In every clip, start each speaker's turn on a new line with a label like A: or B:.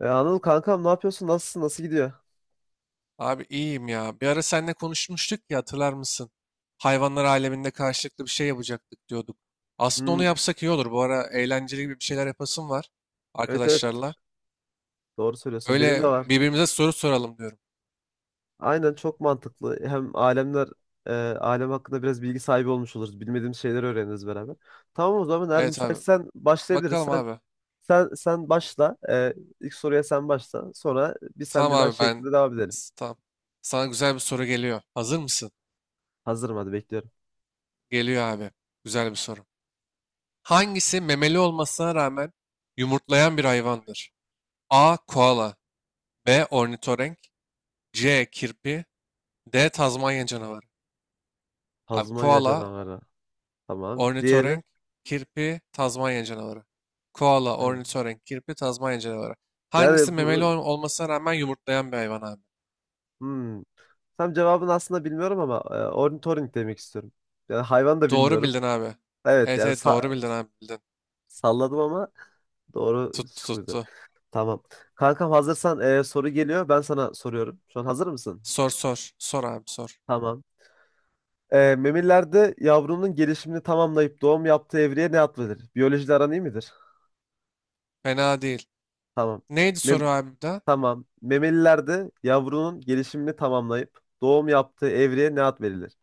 A: Anıl kankam, ne yapıyorsun? Nasılsın? Nasıl gidiyor?
B: Abi iyiyim ya. Bir ara seninle konuşmuştuk ya, hatırlar mısın? Hayvanlar aleminde karşılıklı bir şey yapacaktık diyorduk. Aslında onu
A: Hmm,
B: yapsak iyi olur. Bu ara eğlenceli gibi bir şeyler yapasım var
A: evet evet,
B: arkadaşlarla.
A: doğru söylüyorsun. Benim de
B: Öyle
A: var.
B: birbirimize soru soralım diyorum.
A: Aynen, çok mantıklı. Hem alem hakkında biraz bilgi sahibi olmuş oluruz. Bilmediğimiz şeyleri öğreniriz beraber. Tamam, o zaman eğer
B: Evet abi.
A: müsaitsen başlayabiliriz.
B: Bakalım
A: Sen
B: abi.
A: sen sen başla. İlk soruya sen başla. Sonra bir sen
B: Tamam
A: bir ben
B: abi, ben
A: şeklinde devam edelim.
B: tamam. Sana güzel bir soru geliyor. Hazır mısın?
A: Hazırım, hadi bekliyorum.
B: Geliyor abi. Güzel bir soru. Hangisi memeli olmasına rağmen yumurtlayan bir hayvandır? A. Koala, B. Ornitorenk, C. Kirpi, D. Tazmanya canavarı. Abi
A: Tazmanya
B: koala,
A: canavarı. Tamam. Diğeri.
B: ornitorenk, kirpi, Tazmanya canavarı. Koala,
A: Evet.
B: ornitorenk, kirpi, Tazmanya canavarı. Hangisi
A: Yani
B: memeli
A: bu,
B: olmasına rağmen yumurtlayan bir hayvan abi?
A: hmm, tam cevabını aslında bilmiyorum ama ornitorenk demek istiyorum. Yani hayvan da
B: Doğru
A: bilmiyorum.
B: bildin abi.
A: Evet
B: Evet,
A: yani,
B: evet, doğru bildin abi, bildin.
A: salladım ama doğru
B: Tuttu
A: çıkıyordu.
B: tuttu.
A: Tamam. Kankam, hazırsan soru geliyor. Ben sana soruyorum. Şu an hazır mısın?
B: Sor sor. Sor abi sor.
A: Tamam. Memelilerde yavrunun gelişimini tamamlayıp doğum yaptığı evreye ne ad verilir? Biyolojide aran iyi midir?
B: Fena değil.
A: Tamam.
B: Neydi
A: Mem
B: soru abi de?
A: tamam. Memelilerde yavrunun gelişimini tamamlayıp doğum yaptığı evreye ne ad verilir?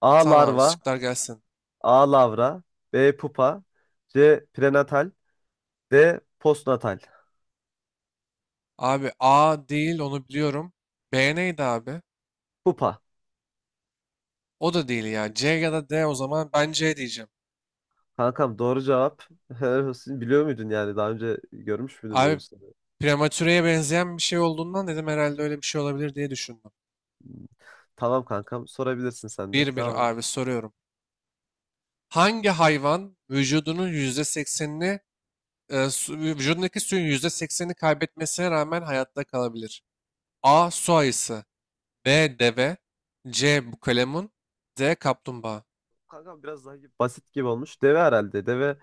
A: A.
B: Tamam abi,
A: Larva.
B: şıklar gelsin.
A: A. Lavra. B. Pupa. C. Prenatal. D. Postnatal.
B: Abi A değil, onu biliyorum. B neydi abi?
A: Pupa.
B: O da değil ya. C ya da D, o zaman ben C diyeceğim.
A: Kankam, doğru cevap. Helal olsun. Biliyor muydun yani? Daha önce görmüş müydün böyle bir
B: Abi
A: soruyu?
B: prematüreye benzeyen bir şey olduğundan dedim, herhalde öyle bir şey olabilir diye düşündüm.
A: Tamam kankam, sorabilirsin sen de.
B: Bir
A: Devam
B: bir
A: et.
B: abi soruyorum. Hangi hayvan vücudunun %80'ini vücudundaki suyun yüzde seksenini kaybetmesine rağmen hayatta kalabilir? A. Su ayısı. B. Deve. C. Bukalemun. D. Kaplumbağa.
A: Kankam, biraz daha basit gibi olmuş. Deve herhalde. Deve,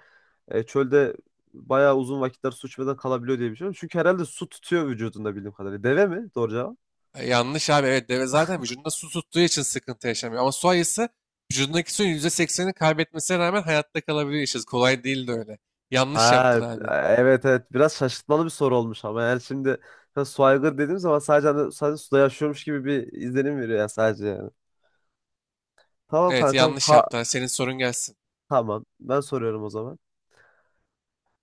A: çölde bayağı uzun vakitler su içmeden kalabiliyor diye biliyorum. Çünkü herhalde su tutuyor vücudunda, bildiğim kadarıyla. Deve mi? Doğru cevap.
B: Yanlış abi, evet, deve zaten vücudunda su tuttuğu için sıkıntı yaşamıyor. Ama su ayısı vücudundaki suyun yüzde seksenini kaybetmesine rağmen hayatta kalabiliyor. İşte kolay değil de öyle. Yanlış yaptın
A: Ha,
B: abi.
A: evet evet, biraz şaşırtmalı bir soru olmuş ama yani şimdi, ha, su aygır dediğim zaman sadece, hani, sadece suda yaşıyormuş gibi bir izlenim veriyor ya, sadece yani. Tamam
B: Evet,
A: kankam.
B: yanlış
A: Ha
B: yaptın. Hadi senin sorun gelsin.
A: tamam, ben soruyorum o zaman.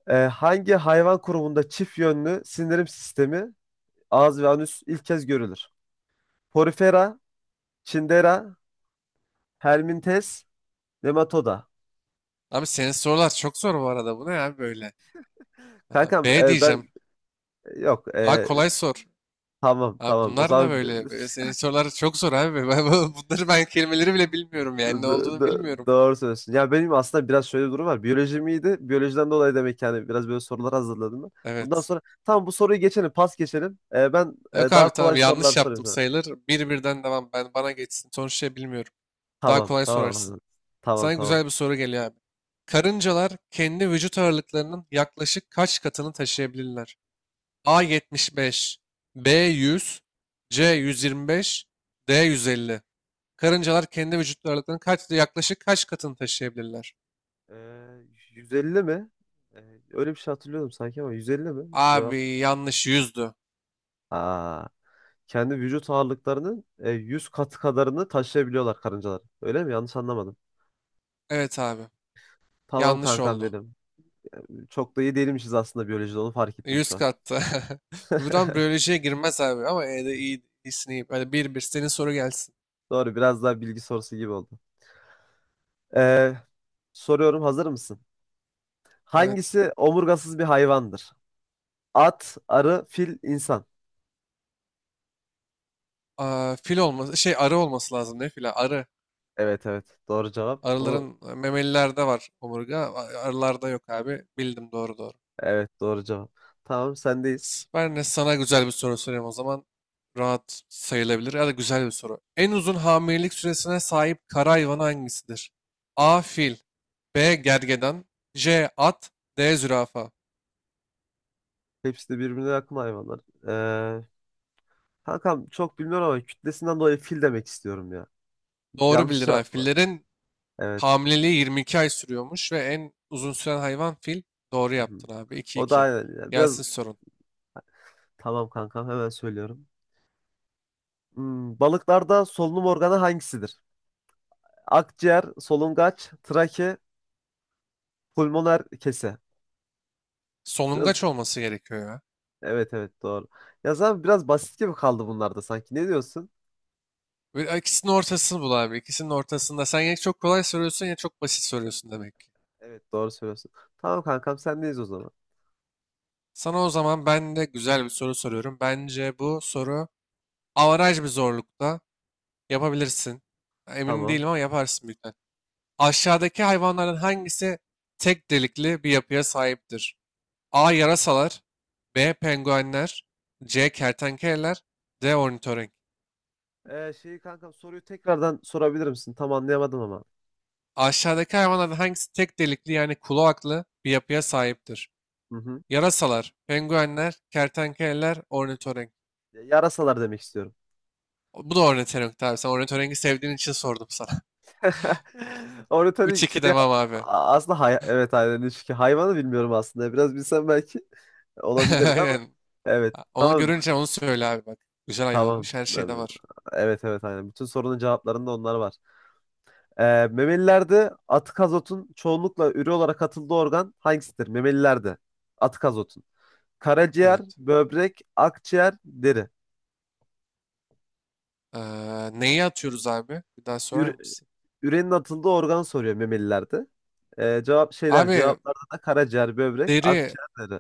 A: Hangi hayvan grubunda çift yönlü sindirim sistemi, ağız ve anüs, ilk kez görülür? Porifera, Cnidaria, Hermintes, Nematoda.
B: Abi, senin sorular çok zor bu arada. Bu ne abi böyle? Aha,
A: Kankam,
B: B
A: e, ben
B: diyeceğim.
A: yok
B: Daha
A: e,
B: kolay sor.
A: tamam
B: Abi
A: tamam o
B: bunlar ne
A: zaman,
B: böyle? Senin sorular çok zor abi. Bunları, ben kelimeleri bile bilmiyorum yani. Ne
A: d-
B: olduğunu
A: d-
B: bilmiyorum.
A: doğru söylüyorsun. Ya, benim aslında biraz şöyle bir durum var. Biyolojim iyiydi. Biyolojiden dolayı demek ki, hani, biraz böyle sorular hazırladım ben. Bundan
B: Evet.
A: sonra tamam, bu soruyu geçelim, pas geçelim. Ben,
B: Yok abi,
A: daha
B: tamam,
A: kolay sorular
B: yanlış
A: sorayım
B: yaptım
A: sana.
B: sayılır. Bir birden devam. Ben, bana geçsin. Sonuçta bilmiyorum. Daha
A: Tamam
B: kolay sorarsın.
A: tamam tamam
B: Sana
A: tamam.
B: güzel bir soru geliyor abi. Karıncalar kendi vücut ağırlıklarının yaklaşık kaç katını taşıyabilirler? A75, B100, C125, D150. Karıncalar kendi vücut ağırlıklarının kaç, yaklaşık kaç katını taşıyabilirler?
A: Ee, 150 mi? Öyle bir şey hatırlıyordum sanki ama 150 mi? Cevap.
B: Abi yanlış, 100'dü.
A: Aa, kendi vücut ağırlıklarının, 100 katı kadarını taşıyabiliyorlar karıncalar. Öyle mi? Yanlış anlamadım.
B: Evet abi,
A: Tamam
B: yanlış
A: kankam. Evet,
B: oldu.
A: benim. Çok da iyi değilmişiz aslında biyolojide, onu fark ettim
B: 100
A: şu an.
B: kattı. Buradan biyolojiye girmez abi ama E'de iyi, iyisini iyi. Hadi bir bir senin soru gelsin.
A: Doğru, biraz daha bilgi sorusu gibi oldu. Ee, soruyorum, hazır mısın?
B: Evet.
A: Hangisi omurgasız bir hayvandır? At, arı, fil, insan.
B: Aa, fil olması şey, arı olması lazım, ne fila, arı.
A: Evet evet, doğru cevap. Bu,
B: Arıların, memelilerde var omurga. Arılarda yok abi. Bildim, doğru doğru.
A: evet, doğru cevap. Tamam, sendeyiz.
B: Ben de sana güzel bir soru sorayım o zaman. Rahat sayılabilir ya da güzel bir soru. En uzun hamilelik süresine sahip kara hayvanı hangisidir? A. Fil, B. Gergedan, C. At, D. Zürafa.
A: Hepsi de birbirine yakın hayvanlar. Ee, kankam çok bilmiyorum ama kütlesinden dolayı fil demek istiyorum ya.
B: Doğru
A: Yanlış
B: bildin abi.
A: cevap mı?
B: Fillerin
A: Evet.
B: hamileliği 22 ay sürüyormuş ve en uzun süren hayvan fil. Doğru
A: Hı hı.
B: yaptın abi.
A: O da
B: 2-2.
A: aynen ya. Biraz,
B: Gelsin sorun.
A: tamam kankam, hemen söylüyorum. Balıklarda solunum organı hangisidir? Akciğer, solungaç, trake, pulmoner kese. Biraz,
B: Solungaç olması gerekiyor ya.
A: evet evet, doğru. Ya zaten biraz basit gibi kaldı bunlarda sanki. Ne diyorsun?
B: Böyle ikisinin ortasını bul abi. İkisinin ortasında. Sen ya çok kolay soruyorsun ya çok basit soruyorsun demek.
A: Evet, doğru söylüyorsun. Tamam kankam, sendeyiz o zaman.
B: Sana o zaman ben de güzel bir soru soruyorum. Bence bu soru avaraj bir zorlukta, yapabilirsin. Emin
A: Tamam.
B: değilim ama yaparsın büyük ihtimal. Aşağıdaki hayvanların hangisi tek delikli bir yapıya sahiptir? A. Yarasalar, B. Penguenler, C. Kertenkeleler, D. Ornitorenk.
A: Şeyi Kankam, soruyu tekrardan sorabilir misin? Tam anlayamadım ama.
B: Aşağıdaki hayvanların hangisi tek delikli, yani kloaklı bir yapıya sahiptir?
A: Hı hı.
B: Yarasalar, penguenler, kertenkeleler, ornitorenk.
A: Yarasalar demek istiyorum.
B: Bu da ornitorenk tabii. Sen ornitorenki sevdiğin için sordum sana. Üç
A: Ornitorik
B: iki
A: şey
B: demem abi.
A: aslında, hay evet aynen, çünkü hayvanı bilmiyorum aslında. Biraz bilsem belki olabilirdi ama
B: Aynen.
A: evet.
B: Onu
A: Tamam
B: görünce onu söyle abi bak. Güzel
A: tamam.
B: ayılanmış, her şeyde var.
A: Evet evet aynen. Bütün sorunun cevaplarında onlar var. Ee, memelilerde atık azotun çoğunlukla üre olarak atıldığı organ hangisidir? Memelilerde atık azotun. Karaciğer,
B: Evet.
A: böbrek, akciğer, deri.
B: Ee, neyi atıyoruz abi? Bir daha sorar
A: üre-
B: mısın?
A: Ürenin atıldığı organ soruyor memelilerde.
B: Abi
A: Cevaplarda da karaciğer, böbrek,
B: deri,
A: akciğer dedi.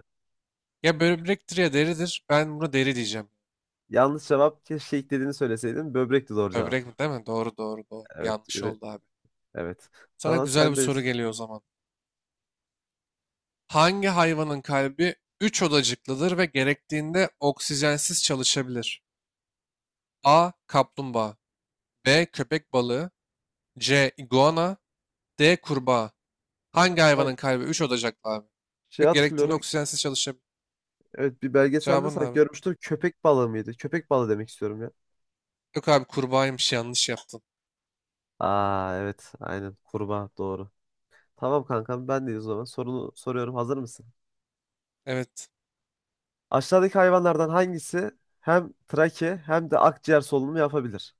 B: ya böbrektir ya deridir. Ben buna deri diyeceğim.
A: Yanlış cevap, keşke ilk dediğini söyleseydin. Böbrekti doğru
B: Böbrek
A: cevap.
B: mi değil mi? Doğru doğru doğru.
A: Evet,
B: Yanlış
A: üre,
B: oldu abi.
A: evet.
B: Sana
A: Tamam,
B: güzel bir soru
A: sendeyiz.
B: geliyor o zaman. Hangi hayvanın kalbi 3 odacıklıdır ve gerektiğinde oksijensiz çalışabilir? A. Kaplumbağa, B. Köpek balığı, C. iguana D. Kurbağa. Hangi
A: Kankam,
B: hayvanın kalbi 3 odacıklı abi? Ve
A: şey
B: gerektiğinde
A: hatırlıyorum.
B: oksijensiz çalışabilir.
A: Evet, bir belgeselde
B: Cevabın ne
A: sanki
B: abi?
A: görmüştüm. Köpek balığı mıydı? Köpek balığı demek istiyorum ya.
B: Yok abi, kurbağaymış, yanlış yaptın.
A: Aa, evet aynen, kurbağa doğru. Tamam kankam, ben de o zaman sorunu soruyorum. Hazır mısın?
B: Evet.
A: Aşağıdaki hayvanlardan hangisi hem trake hem de akciğer solunumu yapabilir?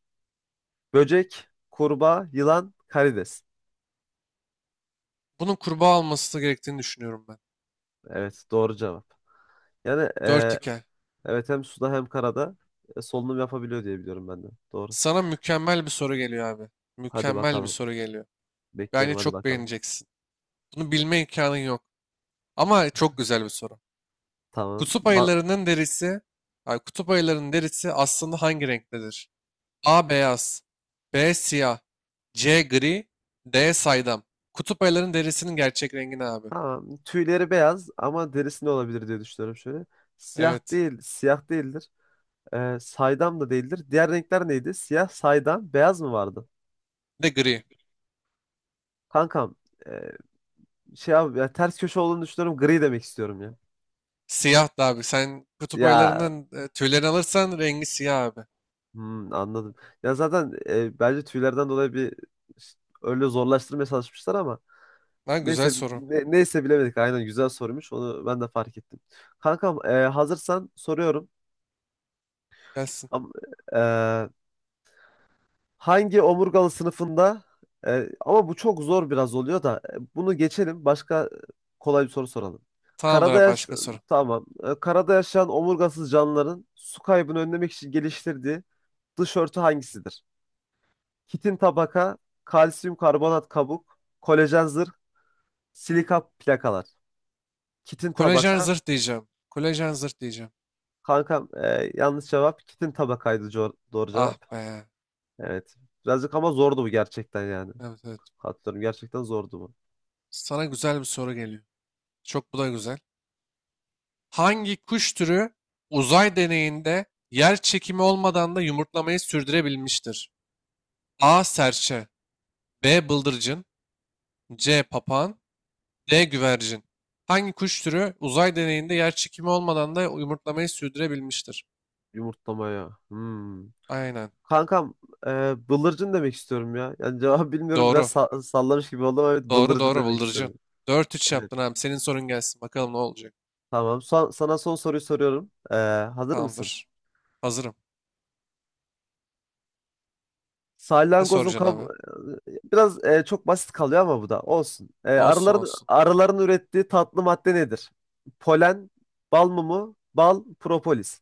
A: Böcek, kurbağa, yılan, karides.
B: Bunun kurbağa olması gerektiğini düşünüyorum ben.
A: Evet, doğru cevap. Yani,
B: 4 hikaye.
A: evet, hem suda hem karada solunum yapabiliyor diye biliyorum ben de. Doğru.
B: Sana mükemmel bir soru geliyor abi.
A: Hadi
B: Mükemmel bir
A: bakalım.
B: soru geliyor. Bence
A: Bekliyorum, hadi
B: çok
A: bakalım.
B: beğeneceksin. Bunu bilme imkanın yok. Ama çok güzel bir soru.
A: Tamam.
B: Kutup ayılarının derisi, kutup ayılarının derisi aslında hangi renktedir? A beyaz, B siyah, C gri, D saydam. Kutup ayılarının derisinin gerçek rengi ne abi?
A: Tamam. Tüyleri beyaz ama derisi ne olabilir diye düşünüyorum şöyle. Siyah
B: Evet.
A: değil, siyah değildir. Saydam da değildir. Diğer renkler neydi? Siyah, saydam, beyaz mı vardı?
B: Bir de gri.
A: Kankam, e, şey abi ya, ters köşe olduğunu düşünüyorum. Gri demek istiyorum ya.
B: Siyahtı abi. Sen kutup
A: Ya,
B: ayılarının tüylerini alırsan rengi siyah abi.
A: Anladım. Ya zaten bence tüylerden dolayı bir ş- öyle zorlaştırmaya çalışmışlar ama
B: Lan güzel
A: neyse,
B: soru.
A: neyse bilemedik. Aynen, güzel sormuş. Onu ben de fark ettim. Kankam, hazırsan soruyorum.
B: Gelsin.
A: Am- e, hangi omurgalı sınıfında, ama bu çok zor biraz oluyor da, bunu geçelim. Başka kolay bir soru soralım.
B: Tamamdır
A: Karada
B: abi,
A: yaş
B: başka soru.
A: Tamam. Karada yaşayan omurgasız canlıların su kaybını önlemek için geliştirdiği dış örtü hangisidir? Kitin tabaka, kalsiyum karbonat kabuk, kolajen zırh, silika plakalar. Kitin
B: Kolajen
A: tabaka.
B: zırh diyeceğim. Kolajen zırh diyeceğim.
A: Kankam, yanlış cevap. Kitin tabakaydı, doğru
B: Ah
A: cevap.
B: be.
A: Evet. Birazcık ama zordu bu gerçekten yani.
B: Evet evet.
A: Hatırlıyorum, gerçekten zordu bu.
B: Sana güzel bir soru geliyor. Çok, bu da güzel. Hangi kuş türü uzay deneyinde yer çekimi olmadan da yumurtlamayı sürdürebilmiştir? A. Serçe. B. Bıldırcın. C. Papağan. D. Güvercin. Hangi kuş türü uzay deneyinde yer çekimi olmadan da yumurtlamayı sürdürebilmiştir?
A: Yumurtlamaya. Hmm.
B: Aynen.
A: Kankam, e, bıldırcın demek istiyorum ya. Yani cevabı bilmiyorum, biraz
B: Doğru.
A: sallamış gibi oldum. Ama evet,
B: Doğru
A: bıldırcın
B: doğru,
A: demek
B: bıldırcın.
A: isterim.
B: Dört üç
A: Evet.
B: yaptın abi. Senin sorun gelsin. Bakalım ne olacak.
A: Tamam. Sana son soruyu soruyorum. Hazır mısın?
B: Tamamdır. Hazırım. Ne
A: Salyangozun
B: soracaksın
A: kab,
B: abi?
A: biraz, çok basit kalıyor ama bu da olsun. E,
B: Olsun
A: arıların
B: olsun.
A: arıların ürettiği tatlı madde nedir? Polen, bal mumu, bal, propolis.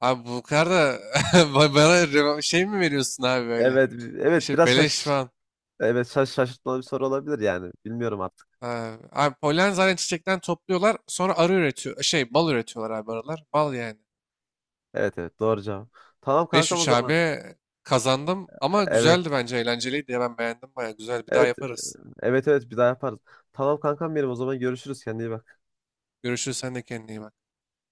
B: Abi bu kadar da bana şey mi veriyorsun abi böyle?
A: Evet, evet,
B: İşte
A: biraz
B: beleş falan.
A: şaşırtmalı bir soru olabilir yani. Bilmiyorum artık.
B: Abi, abi, polen zaten çiçekten topluyorlar. Sonra arı üretiyor. Şey, bal üretiyorlar abi arılar. Bal yani.
A: Evet evet, doğru cevap. Tamam
B: Beş
A: kankam, o
B: üç
A: zaman.
B: abi, kazandım. Ama
A: Evet.
B: güzeldi bence. Eğlenceliydi ya. Ben beğendim, baya güzel. Bir daha
A: Evet.
B: yaparız.
A: Evet evet, bir daha yaparız. Tamam kankam, benim o zaman, görüşürüz. Kendine iyi bak.
B: Görüşürüz. Sen de kendine iyi bak.